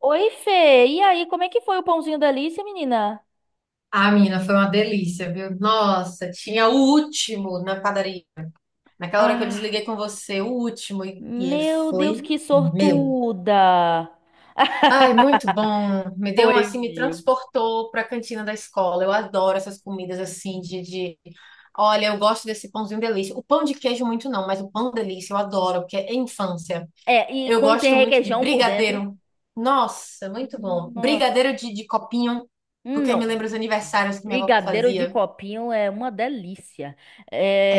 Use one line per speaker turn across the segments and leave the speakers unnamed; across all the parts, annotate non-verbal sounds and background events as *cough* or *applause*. Oi, Fê. E aí, como é que foi o pãozinho da Alice, menina?
Ah, menina, foi uma delícia, viu? Nossa, tinha o último na padaria. Naquela hora que eu
Ah,
desliguei com você, o último, e ele
meu Deus,
foi
que
meu.
sortuda! *laughs*
Ai, muito bom. Me deu,
Foi
assim, me
meu.
transportou para a cantina da escola. Eu adoro essas comidas, assim. Olha, eu gosto desse pãozinho delícia. O pão de queijo muito não, mas o pão delícia eu adoro, porque é infância.
É, e
Eu
quando tem
gosto muito de
requeijão por dentro?
brigadeiro. Nossa, muito bom.
Nossa,
Brigadeiro de copinho,
hum,
porque me
não.
lembra os aniversários que minha avó
Brigadeiro de
fazia.
copinho é uma delícia.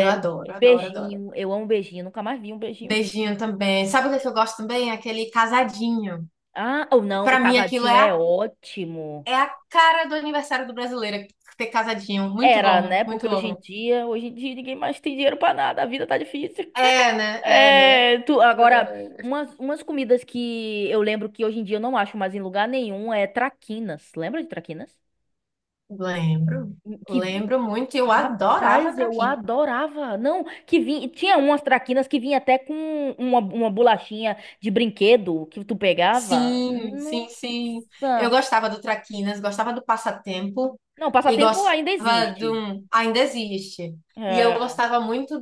Eu adoro, adoro, adoro.
beijinho, eu amo beijinho. Nunca mais vi um beijinho.
Beijinho também. Sabe o que é que eu gosto também? Aquele casadinho.
Ah, ou não, o
Pra mim, aquilo
casadinho
é
é
a,
ótimo.
é a cara do aniversário do brasileiro, ter casadinho. Muito
Era,
bom,
né? Porque
muito bom.
hoje em dia ninguém mais tem dinheiro pra nada. A vida tá difícil.
É, né? É, né?
É, tu, agora, umas comidas que eu lembro que hoje em dia eu não acho mais em lugar nenhum é traquinas. Lembra de traquinas?
Lembro.
Que vi...
Lembro muito. Eu adorava
Rapaz, eu
traquinas.
adorava. Não, que vinha, tinha umas traquinas que vinha até com uma bolachinha de brinquedo que tu pegava.
Sim, sim, sim. Eu
Nossa.
gostava do traquinas, gostava do passatempo
Não,
e
passatempo ainda
gostava de
existe.
um... Ainda existe. E eu
É.
gostava muito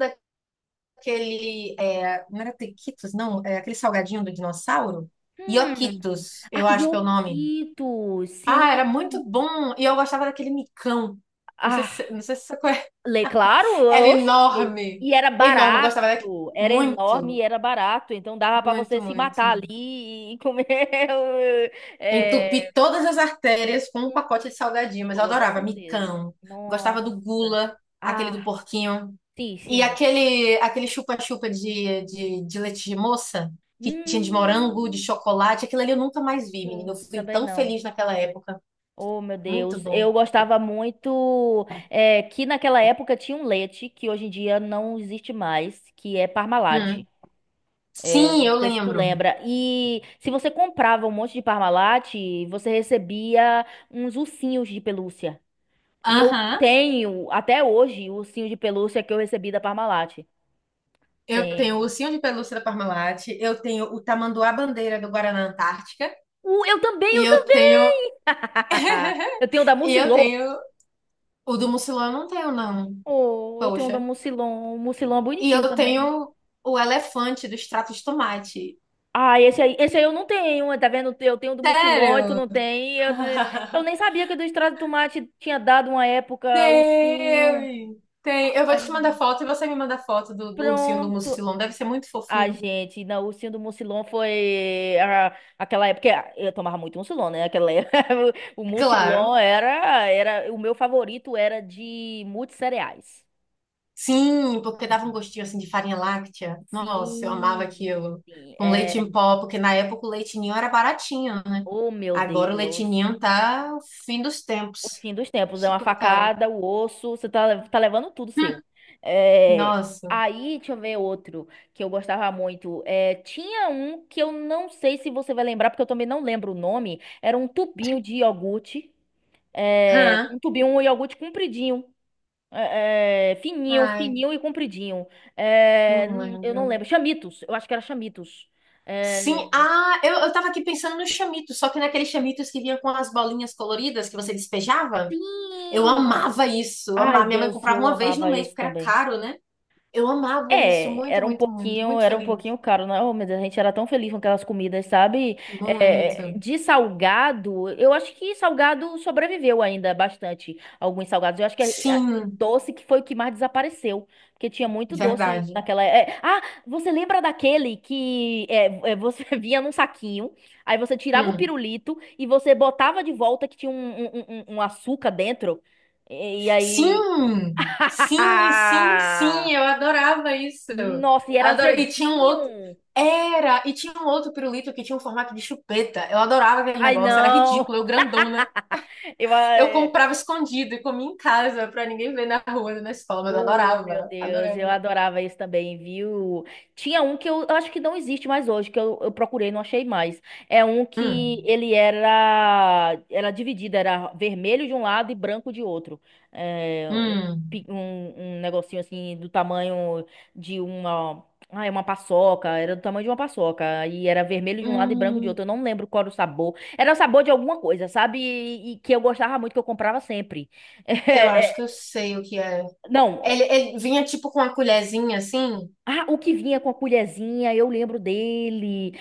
aquele. É, não era Tequitos, não? É aquele salgadinho do dinossauro?
Hum.
Ioquitos,
Ah,
eu acho que é o nome.
Yokito,
Ah, era
sim.
muito bom. E eu gostava daquele micão. Não sei
Ah,
se, não sei se você conhece. *laughs*
Lê, claro,
Era
oxe.
enorme.
E era
Enorme. Eu gostava daquele.
barato, era enorme
Muito,
e era barato. Então dava para você
muito,
se matar
muito.
ali e comer. *laughs* é,
Entupi todas as artérias com um
com
pacote de salgadinho, mas eu
toda
adorava
certeza.
micão. Gostava do
Nossa.
gula, aquele do
Ah,
porquinho.
sim,
E
sim.
aquele chupa-chupa de leite de moça, que tinha de morango, de
Hum,
chocolate, aquilo ali eu nunca mais vi, menina. Eu
sim,
fui
também
tão
não.
feliz naquela época.
Oh, meu
Muito
Deus.
bom.
Eu gostava muito que naquela época tinha um leite que hoje em dia não existe mais, que é Parmalat.
Hum.
É,
Sim,
não
eu
sei se tu
lembro.
lembra. E se você comprava um monte de Parmalat, você recebia uns ursinhos de pelúcia. E eu
Aham.
tenho, até hoje, o ursinho de pelúcia que eu recebi da Parmalat.
Eu tenho o
Tenho.
ursinho de pelúcia da Parmalat, eu tenho o tamanduá bandeira do Guaraná Antártica,
Eu também,
e
eu
eu
também!
tenho
*laughs*
*laughs*
Eu tenho o da
e eu
Mucilon.
tenho o do Mucilão, eu não tenho não.
Oh, eu tenho o da
Poxa.
Mucilon. O Mucilon é
E
bonitinho
eu
também.
tenho o elefante do extrato de tomate.
Ah, esse aí eu não tenho, tá vendo? Eu tenho o do Mucilon e tu
Sério?
não tem. Eu nem
*laughs*
sabia que o do Extrato de Tomate tinha dado uma época ursinho.
Tem, tem. Eu vou
Ai,
te mandar foto e você me manda foto do ursinho do
pronto.
Mucilon. Deve ser muito
A
fofinho.
gente, na ursinha do Mucilon foi aquela época. Que Eu tomava muito Mucilon, né? Aquela época. *laughs* O Mucilon
Claro.
era. O meu favorito era de muitos cereais.
Sim, porque dava um gostinho assim de farinha láctea. Nossa, eu amava
Sim.
aquilo.
Sim,
Com
é,
leite em pó, porque na época o leite ninho era baratinho.
oh, meu
Agora o leite
Deus.
ninho tá o fim dos
O
tempos.
fim dos tempos é uma
Super caro.
facada, o osso, você tá, tá levando tudo
Hum.
seu. É,
Nossa.
aí, deixa eu ver outro que eu gostava muito. É, tinha um que eu não sei se você vai lembrar, porque eu também não lembro o nome. Era um tubinho de iogurte. É,
Hã?
um tubinho, um iogurte compridinho. Fininho,
Ai,
fininho e compridinho. É,
não
eu não
lembro.
lembro. Chamitos, eu acho que era Chamitos. É,
Sim, ah, eu tava aqui pensando no chamitos, só que naqueles chamitos que vinha com as bolinhas coloridas que você despejava. Eu
sim!
amava isso, eu
Ai,
amava. Minha mãe
Deus,
comprava
eu
uma vez no
amava
mês,
esse
porque era
também.
caro, né? Eu amava isso
É,
muito, muito, muito, muito
era um
feliz.
pouquinho caro, né? Oh, meu a gente era tão feliz com aquelas comidas, sabe? É,
Muito.
de salgado, eu acho que salgado sobreviveu ainda bastante, alguns salgados. Eu acho que
Sim,
doce que foi o que mais desapareceu, porque tinha muito doce
verdade.
naquela. Você lembra daquele que você *laughs* vinha num saquinho, aí você tirava o
Hum.
pirulito e você botava de volta que tinha um açúcar dentro, e aí.
Sim, sim, sim, sim,
*laughs*
eu adorava isso.
Nossa, e era
Adorava. E tinha um outro.
azedinho.
Era, e tinha um outro pirulito que tinha um formato de chupeta. Eu adorava aquele
Ai,
negócio, era
não.
ridículo, eu grandona.
Eu, ah,
Eu
é,
comprava escondido e comia em casa pra ninguém ver na rua, na escola, mas eu
Oh, meu
adorava,
Deus, eu
adorava.
adorava isso também, viu? Tinha um que eu acho que não existe mais hoje, que eu procurei e não achei mais. É um que
Hum,
ele era dividido, era vermelho de um lado e branco de outro. É, um, pi-
hum,
um um negocinho assim do tamanho de uma, ah, é uma paçoca, era do tamanho de uma paçoca. E era vermelho de um lado e branco de
hum.
outro. Eu não lembro qual era o sabor. Era o sabor de alguma coisa, sabe? E que eu gostava muito, que eu comprava sempre.
Eu acho que
*laughs*
eu sei o que é.
É, não,
Ele vinha tipo com uma colherzinha assim.
ah, o que vinha com a colherzinha, eu lembro dele.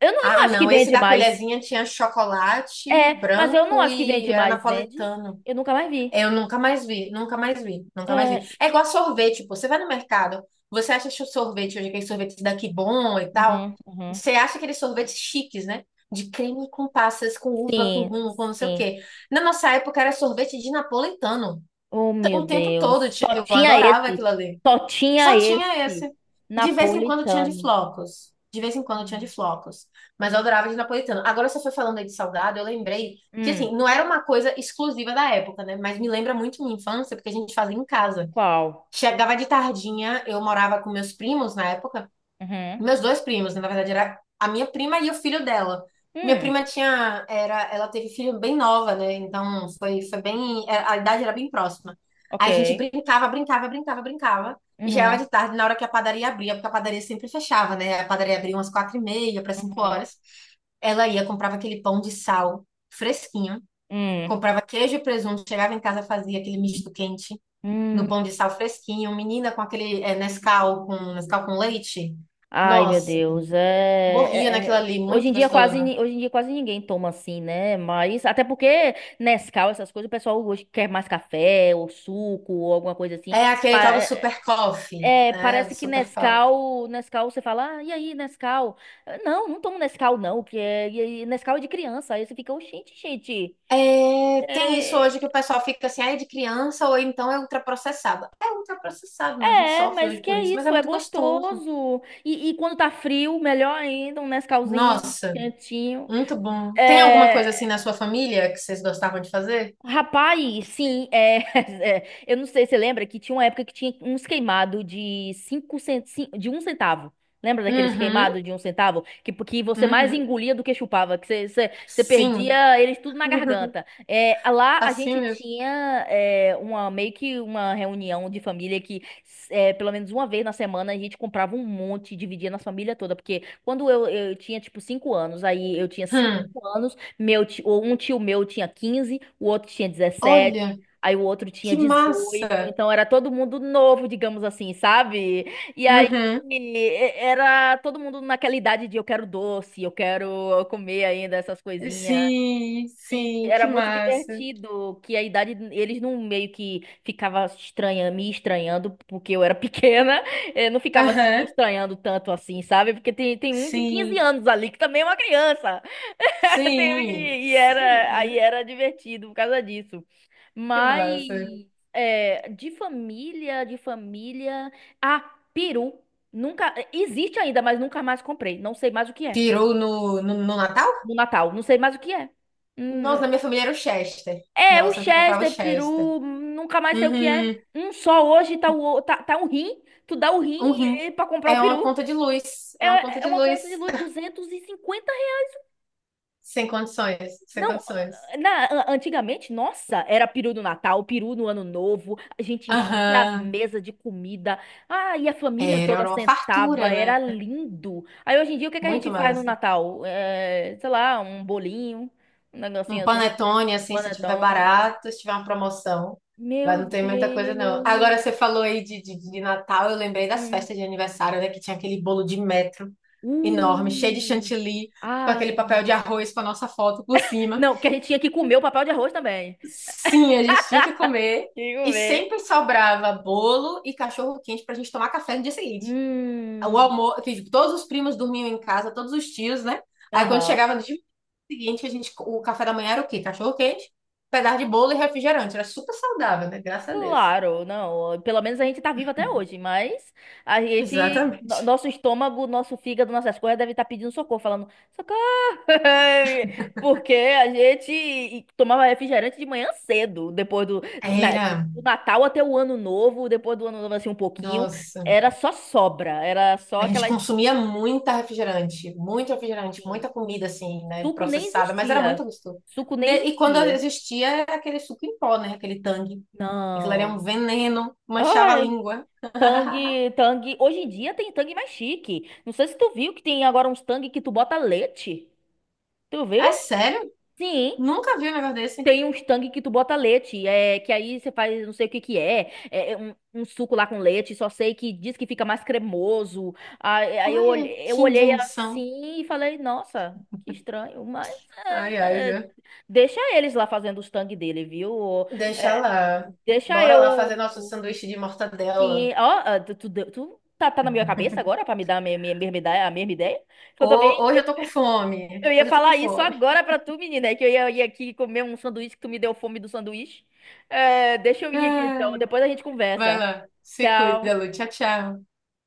Eu não
Ah,
acho que
não, esse
vende
da
mais.
colherzinha tinha chocolate
É, mas eu não
branco
acho que
e
vende
era
mais. Vende?
napolitano.
Eu nunca mais vi.
Eu nunca mais vi, nunca mais vi, nunca mais
É,
vi. É igual sorvete, pô. Você vai no mercado, você acha que o sorvete hoje, aquele sorvete daqui bom e tal.
uhum, uhum.
Você acha aqueles sorvetes chiques, né? De creme com passas, com uva, com
Sim,
rum, com não sei o
sim.
quê. Na nossa época era sorvete de napolitano.
Oh, meu
O tempo todo,
Deus. Só
eu
tinha
adorava
esse.
aquilo ali.
Só tinha
Só tinha
esse.
esse. E de vez em quando tinha de
Napolitano.
flocos. De vez em quando tinha de
Hum.
flocos. Mas eu adorava de napolitano. Agora você foi falando aí de salgado, eu lembrei que,
Hum,
assim, não era uma coisa exclusiva da época, né? Mas me lembra muito minha infância, porque a gente fazia em casa.
qual?
Chegava de tardinha, eu morava com meus primos na época,
Uhum.
meus dois primos, né? Na verdade, era a minha prima e o filho dela. Minha
Hum,
prima tinha, era, ela teve filho bem nova, né? Então foi bem, a idade era bem próxima.
ok.
Aí a gente brincava, brincava, brincava, brincava. E já era
Uhum.
de tarde, na hora que a padaria abria, porque a padaria sempre fechava, né? A padaria abria umas 4h30 para cinco
Uhum.
horas. Ela ia, comprava aquele pão de sal fresquinho,
Hum.
comprava queijo e presunto, chegava em casa, fazia aquele misto quente
Hum.
no pão de sal fresquinho, menina com aquele Nescau com leite.
Ai, meu
Nossa,
Deus,
morria naquilo ali,
hoje
muito
em dia
gostoso.
hoje em dia quase ninguém toma assim, né? Mas até porque Nescau, essas coisas, o pessoal hoje quer mais café ou suco ou alguma coisa assim.
É aquele
Pa-
tal do
é,
super coffee, né?
Parece
Do
que
super coffee.
Nescau, Nescau você fala, ah, e aí, Nescau? Não, não tomo Nescau não, que é Nescau é de criança. Aí você fica, "Ô, gente, gente.
É, tem isso
É,
hoje que o pessoal fica assim, ah, é de criança ou então é ultraprocessado. É ultraprocessado, né? A gente
é,
sofre
mas
hoje
que
por
é
isso, mas é
isso, é
muito gostoso.
gostoso. E quando tá frio, melhor ainda, um Nescauzinho
Nossa,
quentinho.
muito bom. Tem alguma coisa assim
É,
na sua família que vocês gostavam de fazer?
Rapaz, sim, é, *laughs* eu não sei se você lembra que tinha uma época que tinha uns queimados de de um centavo. Lembra daqueles
Uhum,
queimados de um centavo? Que você mais
uhum.
engolia do que chupava, que você
Sim,
perdia eles tudo na
*laughs*
garganta. É, lá a
assim
gente
mesmo.
tinha meio que uma reunião de família pelo menos uma vez na semana a gente comprava um monte, e dividia na família toda. Porque quando eu tinha tipo cinco anos, aí eu tinha cinco
Hum,
anos. Meu tio, um tio meu tinha quinze, o outro tinha dezessete,
olha,
aí o outro tinha
que
dezoito,
massa.
então era todo mundo novo, digamos assim, sabe?
Uhum.
Era todo mundo naquela idade de eu quero doce, eu quero comer ainda essas coisinhas.
Sim,
E
sim,
era
que
muito
massa.
divertido que a idade eles não meio que ficava estranha, me estranhando porque eu era pequena, *laughs* não ficava assim me
Aham.
estranhando tanto assim, sabe? Porque tem um de 15
Sim,
anos ali que também é uma criança. *laughs*
sim,
E
sim.
era, aí era divertido por causa disso.
Que
Mas
massa.
é, de família, de família. Ah, peru. Nunca. Existe ainda, mas nunca mais comprei. Não sei mais o que é.
Peru no Natal?
No Natal. Não sei mais o que é. Hum,
Nossa, na minha família era o Chester. Né?
é,
Eu
o
sempre comprava o
Chester,
Chester.
peru. Nunca mais sei o que é.
Uhum,
Um só hoje tá, tá, tá um rim. Tu dá o rim
um rim.
pra comprar o
É uma
peru.
conta de luz. É uma conta
É, é
de
uma
luz.
conta de luz, 250.
Sem condições, sem
Não,
condições.
ah, antigamente, nossa, era peru no Natal, peru no Ano Novo, a gente enchia a
Aham.
mesa de comida, ah, e a família
Era,
toda
era uma
sentava,
fartura, né?
era lindo. Aí hoje em dia, o que que a gente
Muito
faz no
massa.
Natal? É, sei lá, um bolinho, um
Um
negocinho assim,
panetone,
um
assim, se tiver
panetone.
barato, se tiver uma promoção. Mas
Meu
não tem muita coisa, não.
Deus.
Agora, você falou aí de Natal, eu lembrei das
Hum.
festas de aniversário, né? Que tinha aquele bolo de metro enorme, cheio de
Uh.
chantilly, com aquele
Ai.
papel de arroz com a nossa foto por cima.
Não, que a gente tinha que comer o papel de arroz também.
Sim, a gente tinha que comer.
Tinha que
E
comer.
sempre sobrava bolo e cachorro quente pra gente tomar café no dia seguinte. O
Hum.
almoço, que todos os primos dormiam em casa, todos os tios, né? Aí quando
Aham.
chegava de seguinte, a gente, o café da manhã era o quê? Cachorro quente, pedaço de bolo e refrigerante. Era super saudável, né? Graças a Deus.
Claro, não. Pelo menos a gente tá vivo até hoje, mas a gente,
Exatamente.
nosso estômago, nosso fígado, nossas coisas devem estar pedindo socorro, falando socorro, *laughs* porque a gente tomava refrigerante de manhã cedo,
Era,
do Natal até o Ano Novo, depois do Ano Novo assim um pouquinho,
nossa,
era só sobra, era só
a gente
aquela
consumia muita refrigerante, muito refrigerante,
assim,
muita comida assim, né,
suco nem
processada, mas era
existia,
muito gostoso.
suco nem
Né, e quando
existia.
existia era aquele suco em pó, né, aquele Tang. Aquilo era um
Não.
veneno, manchava a língua. *laughs*
Tangue, tangue. Hoje em dia tem tangue mais chique. Não sei se tu viu que tem agora uns tangue que tu bota leite. Tu viu?
É sério?
Sim,
Nunca vi um negócio desse.
tem uns tangue que tu bota leite. É, que aí você faz não sei o que que é. É um, um suco lá com leite. Só sei que diz que fica mais cremoso.
Olha,
Eu
que
olhei
invenção.
assim e falei, nossa, que estranho. Mas
Ai, ai,
é,
viu?
deixa eles lá fazendo os tangue dele, viu?
Deixa
É,
lá.
deixa
Bora lá fazer
eu.
nosso sanduíche de mortadela.
Sim, ó, ah, tu, tu, deu- tu tá, tá na minha cabeça agora pra me dar mesma ideia, a mesma ideia? Que eu também,
Hoje eu tô com
eu
fome.
ia
Hoje eu tô com
falar isso
fome.
agora pra tu, menina, é que ia aqui comer um sanduíche que tu me deu fome do sanduíche. É, deixa eu ir aqui então,
Ai,
depois a gente
vai
conversa.
lá. Se cuida,
Tchau.
Lu. Tchau, tchau.